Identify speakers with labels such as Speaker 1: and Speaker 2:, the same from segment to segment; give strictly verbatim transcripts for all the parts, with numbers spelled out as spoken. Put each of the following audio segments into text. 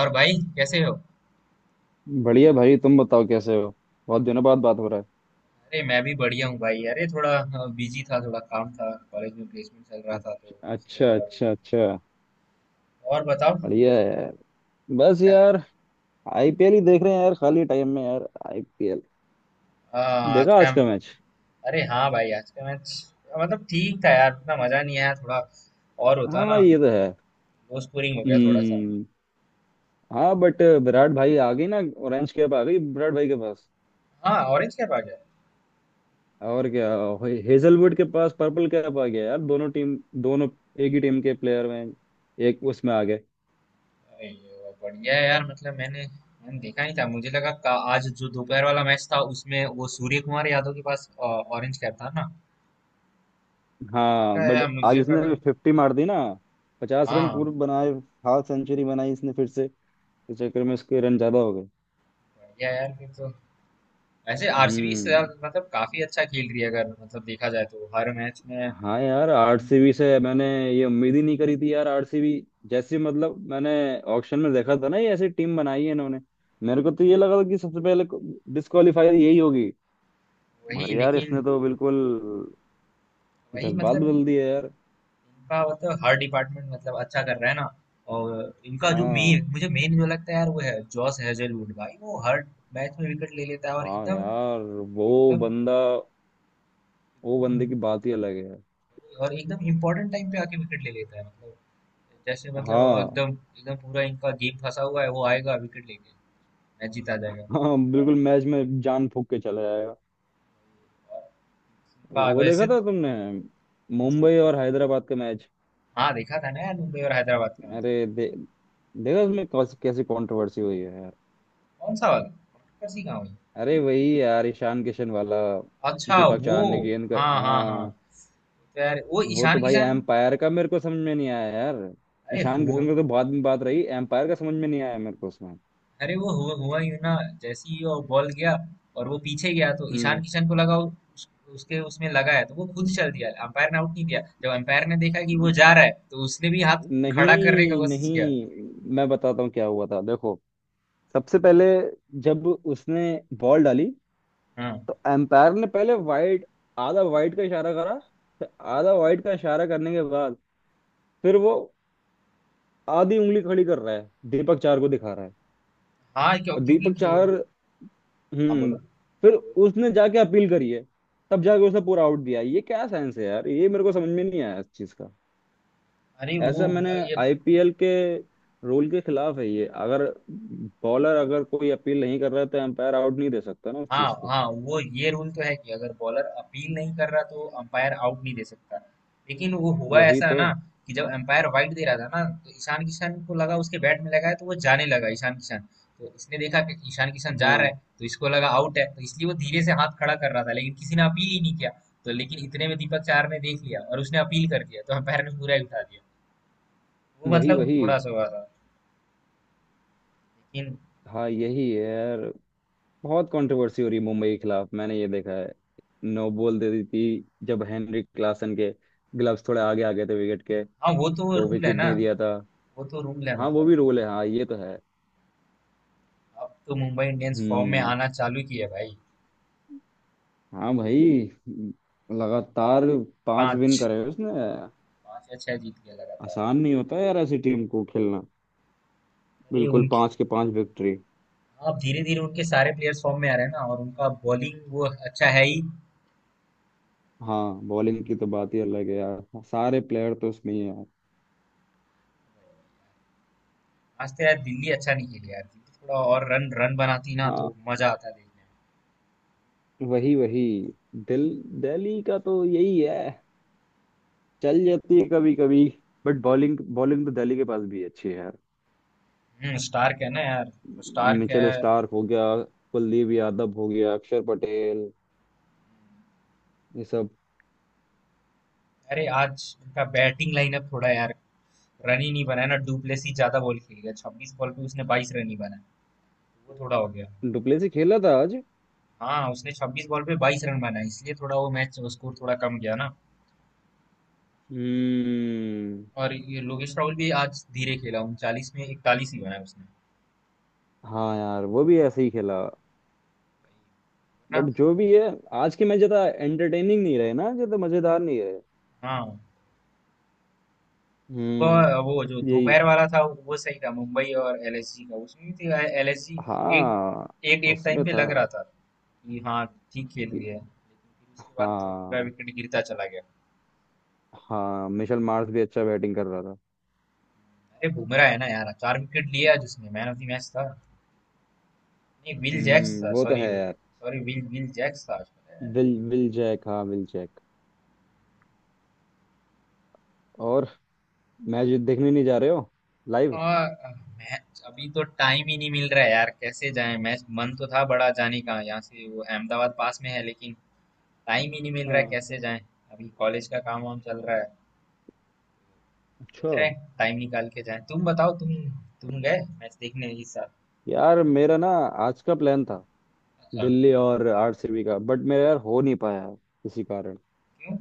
Speaker 1: और भाई कैसे हो?
Speaker 2: बढ़िया भाई तुम बताओ कैसे हो। बहुत दिनों बाद बात हो रहा
Speaker 1: अरे मैं भी बढ़िया हूँ भाई। अरे थोड़ा बिजी था, थोड़ा काम था, कॉलेज में प्लेसमेंट चल रहा
Speaker 2: है।
Speaker 1: था तो इसलिए
Speaker 2: अच्छा
Speaker 1: थोड़ा
Speaker 2: अच्छा
Speaker 1: बिजी था।
Speaker 2: अच्छा।
Speaker 1: और बताओ।
Speaker 2: बढ़िया है यार। बस
Speaker 1: क्या?
Speaker 2: यार। आईपीएल ही देख रहे हैं यार खाली टाइम में यार आईपीएल।
Speaker 1: आ, आज
Speaker 2: देखा
Speaker 1: का?
Speaker 2: आज का मैच।
Speaker 1: अरे हाँ भाई, आज का मैच मतलब ठीक था यार, इतना मजा नहीं आया, थोड़ा और होता
Speaker 2: हाँ
Speaker 1: ना।
Speaker 2: ये तो है।
Speaker 1: लो स्कोरिंग हो गया थोड़ा सा।
Speaker 2: हम्म। हाँ बट विराट भाई आ गई ना। ऑरेंज कैप आ गई विराट भाई के पास।
Speaker 1: हाँ, ऑरेंज कैप आ गया।
Speaker 2: और क्या। हे- हेजलवुड के पास पर्पल कैप आ गया यार दोनों टीम। दोनों। एक ही टीम के प्लेयर में। एक उसमें आ गए।
Speaker 1: अरे ये बढ़िया है यार, मतलब मैंने मैंने देखा नहीं था, मुझे लगा का, आज जो दोपहर वाला मैच था उसमें वो सूर्य कुमार यादव के पास ऑरेंज कैप था ना।
Speaker 2: हाँ
Speaker 1: मैंने कहा,
Speaker 2: बट
Speaker 1: यार
Speaker 2: आज
Speaker 1: मुझे लगा।
Speaker 2: इसने फिफ्टी मार दी ना। पचास रन
Speaker 1: हाँ,
Speaker 2: पूर्व बनाए। हाफ सेंचुरी बनाई इसने फिर से। इस चक्कर में इसके रन ज्यादा हो गए।
Speaker 1: बढ़िया यार फिर तो। वैसे आरसीबी इस साल
Speaker 2: हम्म।
Speaker 1: मतलब काफी अच्छा खेल रही है, अगर मतलब देखा जाए तो हर मैच में।
Speaker 2: हाँ यार आरसीबी से मैंने ये उम्मीद ही नहीं करी थी यार। आरसीबी जैसी मतलब मैंने ऑक्शन में देखा था ना, ये ऐसी टीम बनाई है इन्होंने। मेरे को तो ये लगा था कि सबसे पहले डिस्क्वालीफाई यही होगी। मगर
Speaker 1: वही
Speaker 2: यार इसने
Speaker 1: लेकिन।
Speaker 2: तो बिल्कुल
Speaker 1: वही
Speaker 2: जज्बात
Speaker 1: मतलब
Speaker 2: बदल दिया यार।
Speaker 1: इनका मतलब हर डिपार्टमेंट मतलब अच्छा कर रहा है ना। और इनका जो
Speaker 2: हाँ,
Speaker 1: मेन, मुझे मेन जो लगता है यार वो है जॉस हेजलवुड भाई। वो हर मैच में विकेट ले लेता है, और
Speaker 2: हाँ
Speaker 1: एकदम
Speaker 2: यार वो
Speaker 1: एकदम
Speaker 2: बंदा वो
Speaker 1: एकदम।
Speaker 2: बंदे की बात ही अलग है।
Speaker 1: और एकदम इम्पोर्टेंट टाइम पे आके विकेट ले लेता है मतलब। जैसे मतलब
Speaker 2: हाँ
Speaker 1: एकदम एकदम पूरा इनका गेम फंसा हुआ है, वो आएगा विकेट लेके मैच जीता जाएगा।
Speaker 2: हाँ बिल्कुल मैच में जान फूक के चला जाए।
Speaker 1: और का
Speaker 2: वो देखा
Speaker 1: वैसे।
Speaker 2: था तुमने
Speaker 1: कौन सा?
Speaker 2: मुंबई और हैदराबाद का मैच।
Speaker 1: हाँ, देखा था ना यार, मुंबई और हैदराबाद का मैच।
Speaker 2: अरे दे, देखा उसमें कौस- कैसी कंट्रोवर्सी हुई है।
Speaker 1: कौन सा वाला? कौन सी गाँव है?
Speaker 2: अरे वही यार ईशान किशन वाला।
Speaker 1: अच्छा
Speaker 2: दीपक
Speaker 1: वो।
Speaker 2: चाहर ने गेंद कर
Speaker 1: हाँ हाँ हाँ।
Speaker 2: हाँ।
Speaker 1: तो यार वो
Speaker 2: वो तो
Speaker 1: ईशान
Speaker 2: भाई
Speaker 1: किशन।
Speaker 2: एम्पायर का मेरे को समझ में नहीं आया यार।
Speaker 1: अरे
Speaker 2: ईशान
Speaker 1: हो।
Speaker 2: किशन का तो बाद में बात रही, एम्पायर का समझ में नहीं आया मेरे को उसमें।
Speaker 1: अरे वो हुआ हुआ यूं ना, जैसे ही वो बॉल गया और वो पीछे गया तो
Speaker 2: हम्म।
Speaker 1: ईशान किशन को लगा उस, उसके उसमें लगा है, तो वो खुद चल दिया। अंपायर ने आउट नहीं दिया। जब अंपायर ने देखा कि वो जा रहा है, तो उसने भी हाथ खड़ा करने का
Speaker 2: नहीं
Speaker 1: कोशिश किया।
Speaker 2: नहीं मैं बताता हूँ क्या हुआ था देखो। सबसे पहले जब उसने बॉल डाली
Speaker 1: हाँ
Speaker 2: तो एम्पायर ने पहले वाइड, आधा वाइड का इशारा करा। फिर आधा वाइड का इशारा करने के बाद फिर वो आधी उंगली खड़ी कर रहा है, दीपक चार को दिखा रहा है।
Speaker 1: हाँ क्यों,
Speaker 2: और
Speaker 1: क्योंकि
Speaker 2: दीपक
Speaker 1: क्यों
Speaker 2: चार।
Speaker 1: हाँ
Speaker 2: हम्म।
Speaker 1: बोलो।
Speaker 2: फिर उसने जाके अपील करी है। तब जाके उसने पूरा आउट दिया। ये क्या साइंस है यार, ये मेरे को समझ में नहीं आया इस चीज का।
Speaker 1: अरे वो
Speaker 2: ऐसा मैंने
Speaker 1: ये।
Speaker 2: आईपीएल के रूल के खिलाफ है ये। अगर बॉलर अगर कोई अपील नहीं कर रहा है तो एम्पायर आउट नहीं दे सकता ना उस
Speaker 1: हाँ
Speaker 2: चीज को।
Speaker 1: हाँ, वो ये रूल तो है कि अगर बॉलर अपील नहीं कर रहा तो अंपायर आउट नहीं दे सकता। लेकिन वो हुआ
Speaker 2: वही
Speaker 1: ऐसा
Speaker 2: तो।
Speaker 1: ना, कि जब अंपायर वाइड दे रहा था ना तो ईशान किशन को लगा उसके बैट में लगा है, तो वो जाने लगा ईशान किशन। तो इसने देखा कि ईशान किशन जा रहा
Speaker 2: हाँ
Speaker 1: है तो इसको लगा आउट है, तो इसलिए वो धीरे से हाथ खड़ा कर रहा था, लेकिन किसी ने अपील ही नहीं किया। तो लेकिन इतने में दीपक चार ने देख लिया और उसने अपील कर दिया, तो अंपायर ने पूरा ही उठा दिया। वो
Speaker 2: वही
Speaker 1: मतलब
Speaker 2: वही।
Speaker 1: थोड़ा सा हुआ था लेकिन।
Speaker 2: हाँ यही है यार, बहुत कंट्रोवर्सी हो रही है मुंबई के खिलाफ मैंने ये देखा है। नो बॉल दे दी थी जब हेनरिक क्लासन के ग्लव्स थोड़े आगे आ गए थे विकेट के,
Speaker 1: हाँ, वो तो
Speaker 2: तो
Speaker 1: रूल है
Speaker 2: विकेट
Speaker 1: ना।
Speaker 2: नहीं दिया था।
Speaker 1: वो तो रूल है
Speaker 2: हाँ वो
Speaker 1: मतलब।
Speaker 2: भी रोल है, हाँ ये तो है।
Speaker 1: अब तो मुंबई इंडियंस फॉर्म में
Speaker 2: हम्म।
Speaker 1: आना चालू किया भाई।
Speaker 2: हाँ भाई लगातार पांच विन
Speaker 1: पाँच,
Speaker 2: करे हैं उसने।
Speaker 1: पाँच या छह जीत गया लगातार।
Speaker 2: आसान नहीं होता यार ऐसी टीम को खेलना।
Speaker 1: अरे
Speaker 2: बिल्कुल
Speaker 1: उनकी।
Speaker 2: पांच के पांच विक्ट्री।
Speaker 1: अब धीरे धीरे उनके सारे प्लेयर्स फॉर्म में आ रहे हैं ना, और उनका बॉलिंग वो अच्छा है ही।
Speaker 2: हाँ बॉलिंग की तो बात ही अलग है यार, सारे प्लेयर तो उसमें ही है।
Speaker 1: आज तो यार दिल्ली अच्छा नहीं खेली यार। दिल्ली थोड़ा और रन रन बनाती ना
Speaker 2: हाँ
Speaker 1: तो मजा आता देखने
Speaker 2: वही वही। दिल दिल्ली का तो यही है। चल जाती है कभी कभी। बट बॉलिंग बॉलिंग तो दिल्ली के पास भी अच्छी है यार।
Speaker 1: में। हम्म, स्टार्क है ना यार, वो स्टार्क
Speaker 2: मिचेल
Speaker 1: है।
Speaker 2: स्टार्क हो गया, कुलदीप यादव हो गया, अक्षर पटेल। ये सब।
Speaker 1: अरे आज उनका बैटिंग लाइनअप थोड़ा यार, रन ही नहीं बनाया ना। डुप्लेसी ज्यादा बॉल खेल गया, छब्बीस बॉल पे उसने बाईस रन ही बनाया, वो थोड़ा हो गया।
Speaker 2: डुप्लेसी खेला था आज।
Speaker 1: हाँ, उसने छब्बीस बॉल पे बाईस रन बनाए, इसलिए थोड़ा वो मैच स्कोर थोड़ा कम गया ना।
Speaker 2: हम्म।
Speaker 1: और ये लोकेश राहुल भी आज धीरे खेला, उनचालीस में इकतालीस ही बनाए उसने
Speaker 2: हाँ यार वो भी ऐसे ही खेला, बट
Speaker 1: ना।
Speaker 2: जो भी है। आज के मैच ज्यादा एंटरटेनिंग नहीं रहे ना, ज्यादा मजेदार नहीं रहे।
Speaker 1: हाँ,
Speaker 2: हम्म
Speaker 1: सुबह वो जो
Speaker 2: यही।
Speaker 1: दोपहर वाला था वो सही था, मुंबई और एलएसजी का। उसमें भी तो एलएसजी एक
Speaker 2: हाँ
Speaker 1: एक एक
Speaker 2: उसमें
Speaker 1: टाइम पे
Speaker 2: था
Speaker 1: लग रहा था कि हाँ ठीक खेल रही
Speaker 2: कि-
Speaker 1: है, लेकिन फिर उसके बाद तो पूरा
Speaker 2: हाँ।
Speaker 1: विकेट गिरता चला गया।
Speaker 2: हाँ मिशेल मार्श भी अच्छा बैटिंग कर रहा था।
Speaker 1: अरे बुमराह है ना यार, चार विकेट लिए आज उसने। मैन ऑफ द मैच था नहीं, विल जैक्स
Speaker 2: हम्म
Speaker 1: था।
Speaker 2: वो तो
Speaker 1: सॉरी
Speaker 2: है यार।
Speaker 1: सॉरी विल विल जैक्स था। आज
Speaker 2: विल विल जैक, हाँ विल जैक। और मैच देखने नहीं जा रहे हो लाइव।
Speaker 1: और मैच अभी तो टाइम ही नहीं मिल रहा है यार, कैसे जाएं मैच। मन तो था बड़ा जाने का, यहाँ से वो अहमदाबाद पास में है, लेकिन टाइम ही नहीं मिल रहा है,
Speaker 2: हाँ।
Speaker 1: कैसे जाएं। अभी कॉलेज का काम वाम चल रहा है, सोच
Speaker 2: अच्छा।
Speaker 1: रहे हैं टाइम निकाल के जाएं। तुम बताओ, तुम तुम गए मैच देखने इस साल?
Speaker 2: यार मेरा ना आज का प्लान था,
Speaker 1: अच्छा।
Speaker 2: दिल्ली और आरसीबी का, बट मेरा यार हो नहीं पाया किसी कारण।
Speaker 1: क्यों?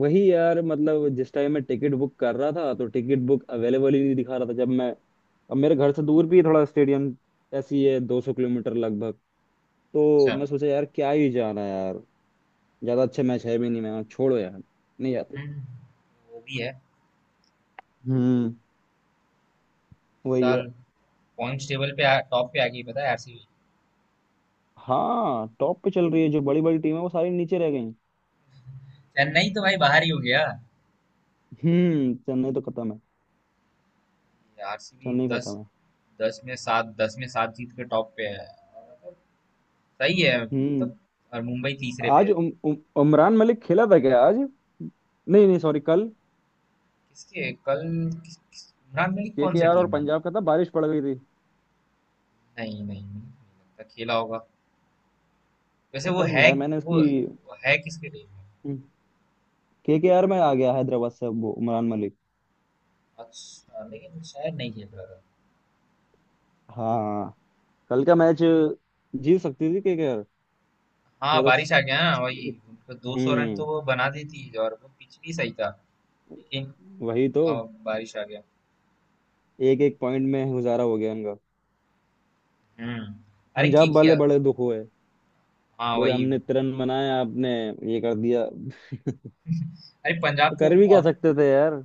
Speaker 2: वही यार मतलब जिस टाइम मैं टिकट बुक कर रहा था तो टिकट बुक अवेलेबल ही नहीं दिखा रहा था, जब मैं। अब मेरे घर से दूर भी थोड़ा स्टेडियम ऐसी ही है, दो सौ किलोमीटर लगभग। तो
Speaker 1: अच्छा।
Speaker 2: मैं सोचा यार क्या ही जाना यार। ज्यादा अच्छा मैच है भी नहीं, मैं छोड़ो यार, नहीं जाते।
Speaker 1: हम्म, वो भी है।
Speaker 2: हम्म।
Speaker 1: इस
Speaker 2: वही है।
Speaker 1: साल पॉइंट्स टेबल पे आ, टॉप पे आ गई, पता है, आरसीबी।
Speaker 2: हाँ टॉप पे चल रही है, जो बड़ी बड़ी टीम है वो सारी नीचे रह गई।
Speaker 1: चेन्नई तो भाई बाहर ही हो गया।
Speaker 2: हम्म चेन्नई तो खत्म है।
Speaker 1: आरसीबी
Speaker 2: चेन्नई
Speaker 1: दस,
Speaker 2: खत्म है।
Speaker 1: दस में सात दस में सात जीत के टॉप पे है। सही है
Speaker 2: हम्म।
Speaker 1: तब। और मुंबई तीसरे पे
Speaker 2: आज
Speaker 1: है।
Speaker 2: उम, उम, उमरान मलिक खेला था क्या आज, नहीं नहीं सॉरी कल,
Speaker 1: किसके, कल? किस, किस, इमरान मलिक कौन से
Speaker 2: केकेआर और
Speaker 1: टीम है?
Speaker 2: पंजाब का था, बारिश पड़ गई थी।
Speaker 1: नहीं नहीं नहीं नहीं लगता खेला होगा। वैसे वो
Speaker 2: पता नहीं
Speaker 1: है।
Speaker 2: यार मैंने
Speaker 1: वो
Speaker 2: उसकी।
Speaker 1: वो है किसके टीम में?
Speaker 2: हम्म, केकेआर में आ गया हैदराबाद से अब वो उमरान मलिक।
Speaker 1: अच्छा, लेकिन शायद नहीं खेल रहा था।
Speaker 2: हाँ कल का मैच जीत सकती थी केकेआर।
Speaker 1: हाँ,
Speaker 2: या तो।
Speaker 1: बारिश आ गया ना। वही, उनको दो सौ रन
Speaker 2: हम्म।
Speaker 1: तो वो बना देती, और वो पिच भी सही था, लेकिन
Speaker 2: वही तो।
Speaker 1: अब बारिश आ गया।
Speaker 2: एक एक पॉइंट में गुजारा हो गया इनका।
Speaker 1: हम्म। अरे के
Speaker 2: पंजाब वाले
Speaker 1: किया?
Speaker 2: बड़े दुख हुए।
Speaker 1: हाँ
Speaker 2: बोले
Speaker 1: वही।
Speaker 2: हमने तिरन बनाया, आपने ये कर दिया।
Speaker 1: अरे पंजाब तो,
Speaker 2: कर भी क्या
Speaker 1: और
Speaker 2: सकते थे यार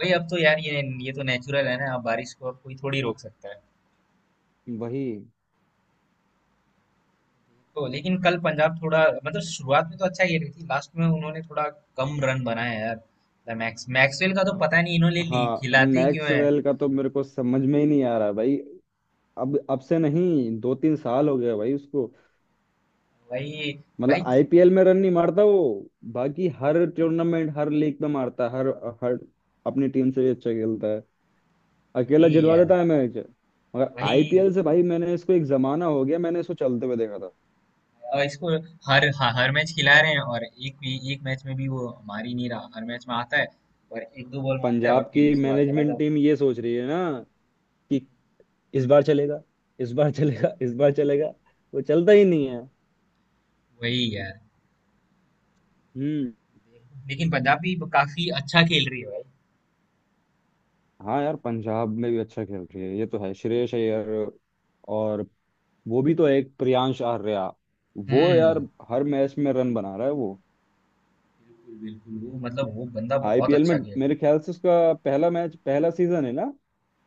Speaker 1: वही अब तो यार ये ये तो नेचुरल है ना, अब बारिश को अब कोई थोड़ी रोक सकता है।
Speaker 2: वही।
Speaker 1: तो लेकिन कल पंजाब थोड़ा मतलब शुरुआत में तो अच्छा खेल रही थी, लास्ट में उन्होंने थोड़ा कम रन बनाए यार। मतलब मैक्स मैक्सवेल का तो पता नहीं, इन्होंने ली
Speaker 2: हाँ
Speaker 1: खिलाते क्यों है।
Speaker 2: मैक्सवेल का तो मेरे को समझ में ही नहीं आ रहा भाई। अब अब से नहीं, दो तीन साल हो गया भाई उसको।
Speaker 1: वही
Speaker 2: मतलब
Speaker 1: भाई।
Speaker 2: आईपीएल में रन नहीं मारता वो। बाकी हर टूर्नामेंट हर लीग में मारता है, हर हर अपनी टीम से भी अच्छा खेलता है। अकेला
Speaker 1: वही
Speaker 2: जितवा
Speaker 1: यार।
Speaker 2: देता है मैच। मगर
Speaker 1: वही।
Speaker 2: आईपीएल से भाई मैंने इसको एक जमाना हो गया मैंने इसको चलते हुए देखा था।
Speaker 1: और इसको हर ह- हर मैच खिला रहे हैं, और एक भी एक मैच में भी वो मार ही नहीं रहा। हर मैच में आता है और एक दो बॉल मारता है
Speaker 2: पंजाब
Speaker 1: और फिर
Speaker 2: की
Speaker 1: उसके बाद चला
Speaker 2: मैनेजमेंट
Speaker 1: जाता है।
Speaker 2: टीम ये सोच रही है ना कि इस बार चलेगा, इस बार चलेगा, इस बार चलेगा। वो चलता ही नहीं है।
Speaker 1: वही यार।
Speaker 2: हम्म।
Speaker 1: लेकिन पंजाब भी काफी अच्छा खेल रही है भाई।
Speaker 2: हाँ यार पंजाब में भी अच्छा खेल रही है, ये तो है श्रेयस अय्यर। और वो भी तो एक प्रियांश आर्या, वो यार
Speaker 1: हम्म।
Speaker 2: हर मैच में रन बना रहा है वो।
Speaker 1: बिल्कुल बिल्कुल, वो मतलब वो बंदा बहुत
Speaker 2: आईपीएल में
Speaker 1: अच्छा खेल रहा है।
Speaker 2: मेरे ख्याल से उसका पहला मैच, पहला सीजन है ना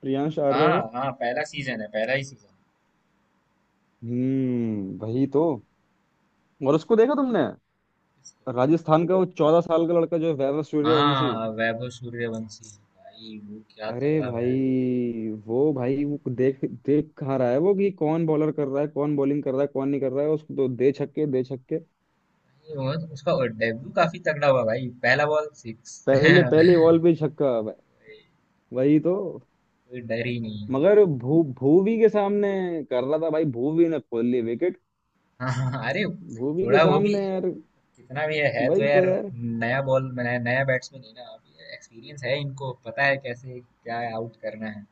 Speaker 2: प्रियांश आर्या
Speaker 1: हाँ
Speaker 2: का।
Speaker 1: हाँ, पहला सीजन है, पहला ही सीजन है।
Speaker 2: हम्म वही तो। और उसको देखा तुमने, राजस्थान का वो चौदह साल का लड़का जो है, वैभव सूर्यवंशी।
Speaker 1: हाँ, वैभव सूर्यवंशी भाई, वो क्या
Speaker 2: अरे
Speaker 1: तगड़ा हुआ है।
Speaker 2: भाई वो, भाई वो देख देख कहाँ रहा है वो कि कौन बॉलर कर रहा है, कौन बॉलिंग कर रहा है, कौन नहीं कर रहा है, उसको तो दे छक्के दे छक्के।
Speaker 1: भाई, वो- तो उसका डेब्यू काफी तगड़ा हुआ भाई, पहला बॉल सिक्स
Speaker 2: पहले
Speaker 1: कोई
Speaker 2: पहली बॉल पे ही छक्का। व- वही तो।
Speaker 1: डर ही नहीं है।
Speaker 2: मगर भू भूवी के सामने कर रहा था भाई, भूवी ने खोल ली विकेट।
Speaker 1: हाँ हाँ, हाँ, अरे,
Speaker 2: भूवी के
Speaker 1: थोड़ा वो भी
Speaker 2: सामने यार
Speaker 1: कितना भी है, है तो
Speaker 2: वही तो
Speaker 1: यार।
Speaker 2: यार।
Speaker 1: नया बॉल, नया नया बैट्समैन है ना। एक्सपीरियंस है, इनको पता है कैसे क्या आउट करना है।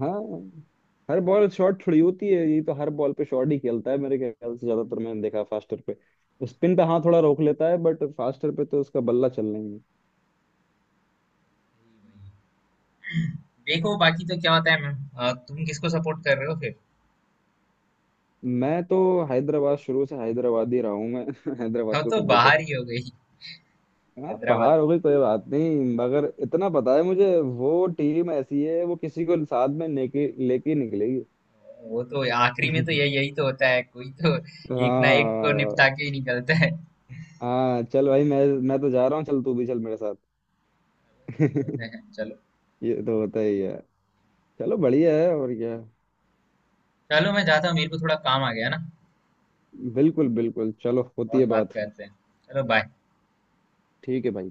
Speaker 2: हाँ हर बॉल शॉट थोड़ी होती है, ये तो हर बॉल पे शॉट ही खेलता है मेरे ख्याल से, ज्यादातर मैंने देखा फास्टर पे। स्पिन पे हाँ थोड़ा रोक लेता है, बट फास्टर पे तो उसका बल्ला चल नहीं।
Speaker 1: देखो बाकी तो क्या होता है मैम, अ, तुम किसको सपोर्ट कर रहे हो फिर?
Speaker 2: मैं तो हैदराबाद, शुरू से हैदराबाद ही रहा हूँ मैं हैदराबाद
Speaker 1: हम
Speaker 2: को
Speaker 1: तो
Speaker 2: सपोर्टर।
Speaker 1: बाहर ही हो गई,
Speaker 2: हाँ बाहर
Speaker 1: हैदराबाद।
Speaker 2: हो गई कोई बात नहीं, मगर इतना पता है मुझे वो टीम ऐसी है, वो किसी को साथ में लेके लेके निकलेगी।
Speaker 1: वो तो आखिरी में तो यही यही तो होता है, कोई तो एक ना एक को निपटा
Speaker 2: हाँ
Speaker 1: के ही निकलता है।
Speaker 2: हाँ चल भाई मैं मैं तो जा रहा हूँ, चल तू भी चल मेरे साथ
Speaker 1: चलते हैं, चलो।
Speaker 2: ये तो होता ही है। चलो बढ़िया है, और क्या।
Speaker 1: चलो मैं जाता हूँ, मेरे को थोड़ा काम आ गया ना,
Speaker 2: बिल्कुल बिल्कुल, चलो होती
Speaker 1: और
Speaker 2: है
Speaker 1: बात
Speaker 2: बात।
Speaker 1: करते हैं। चलो बाय।
Speaker 2: ठीक है भाई।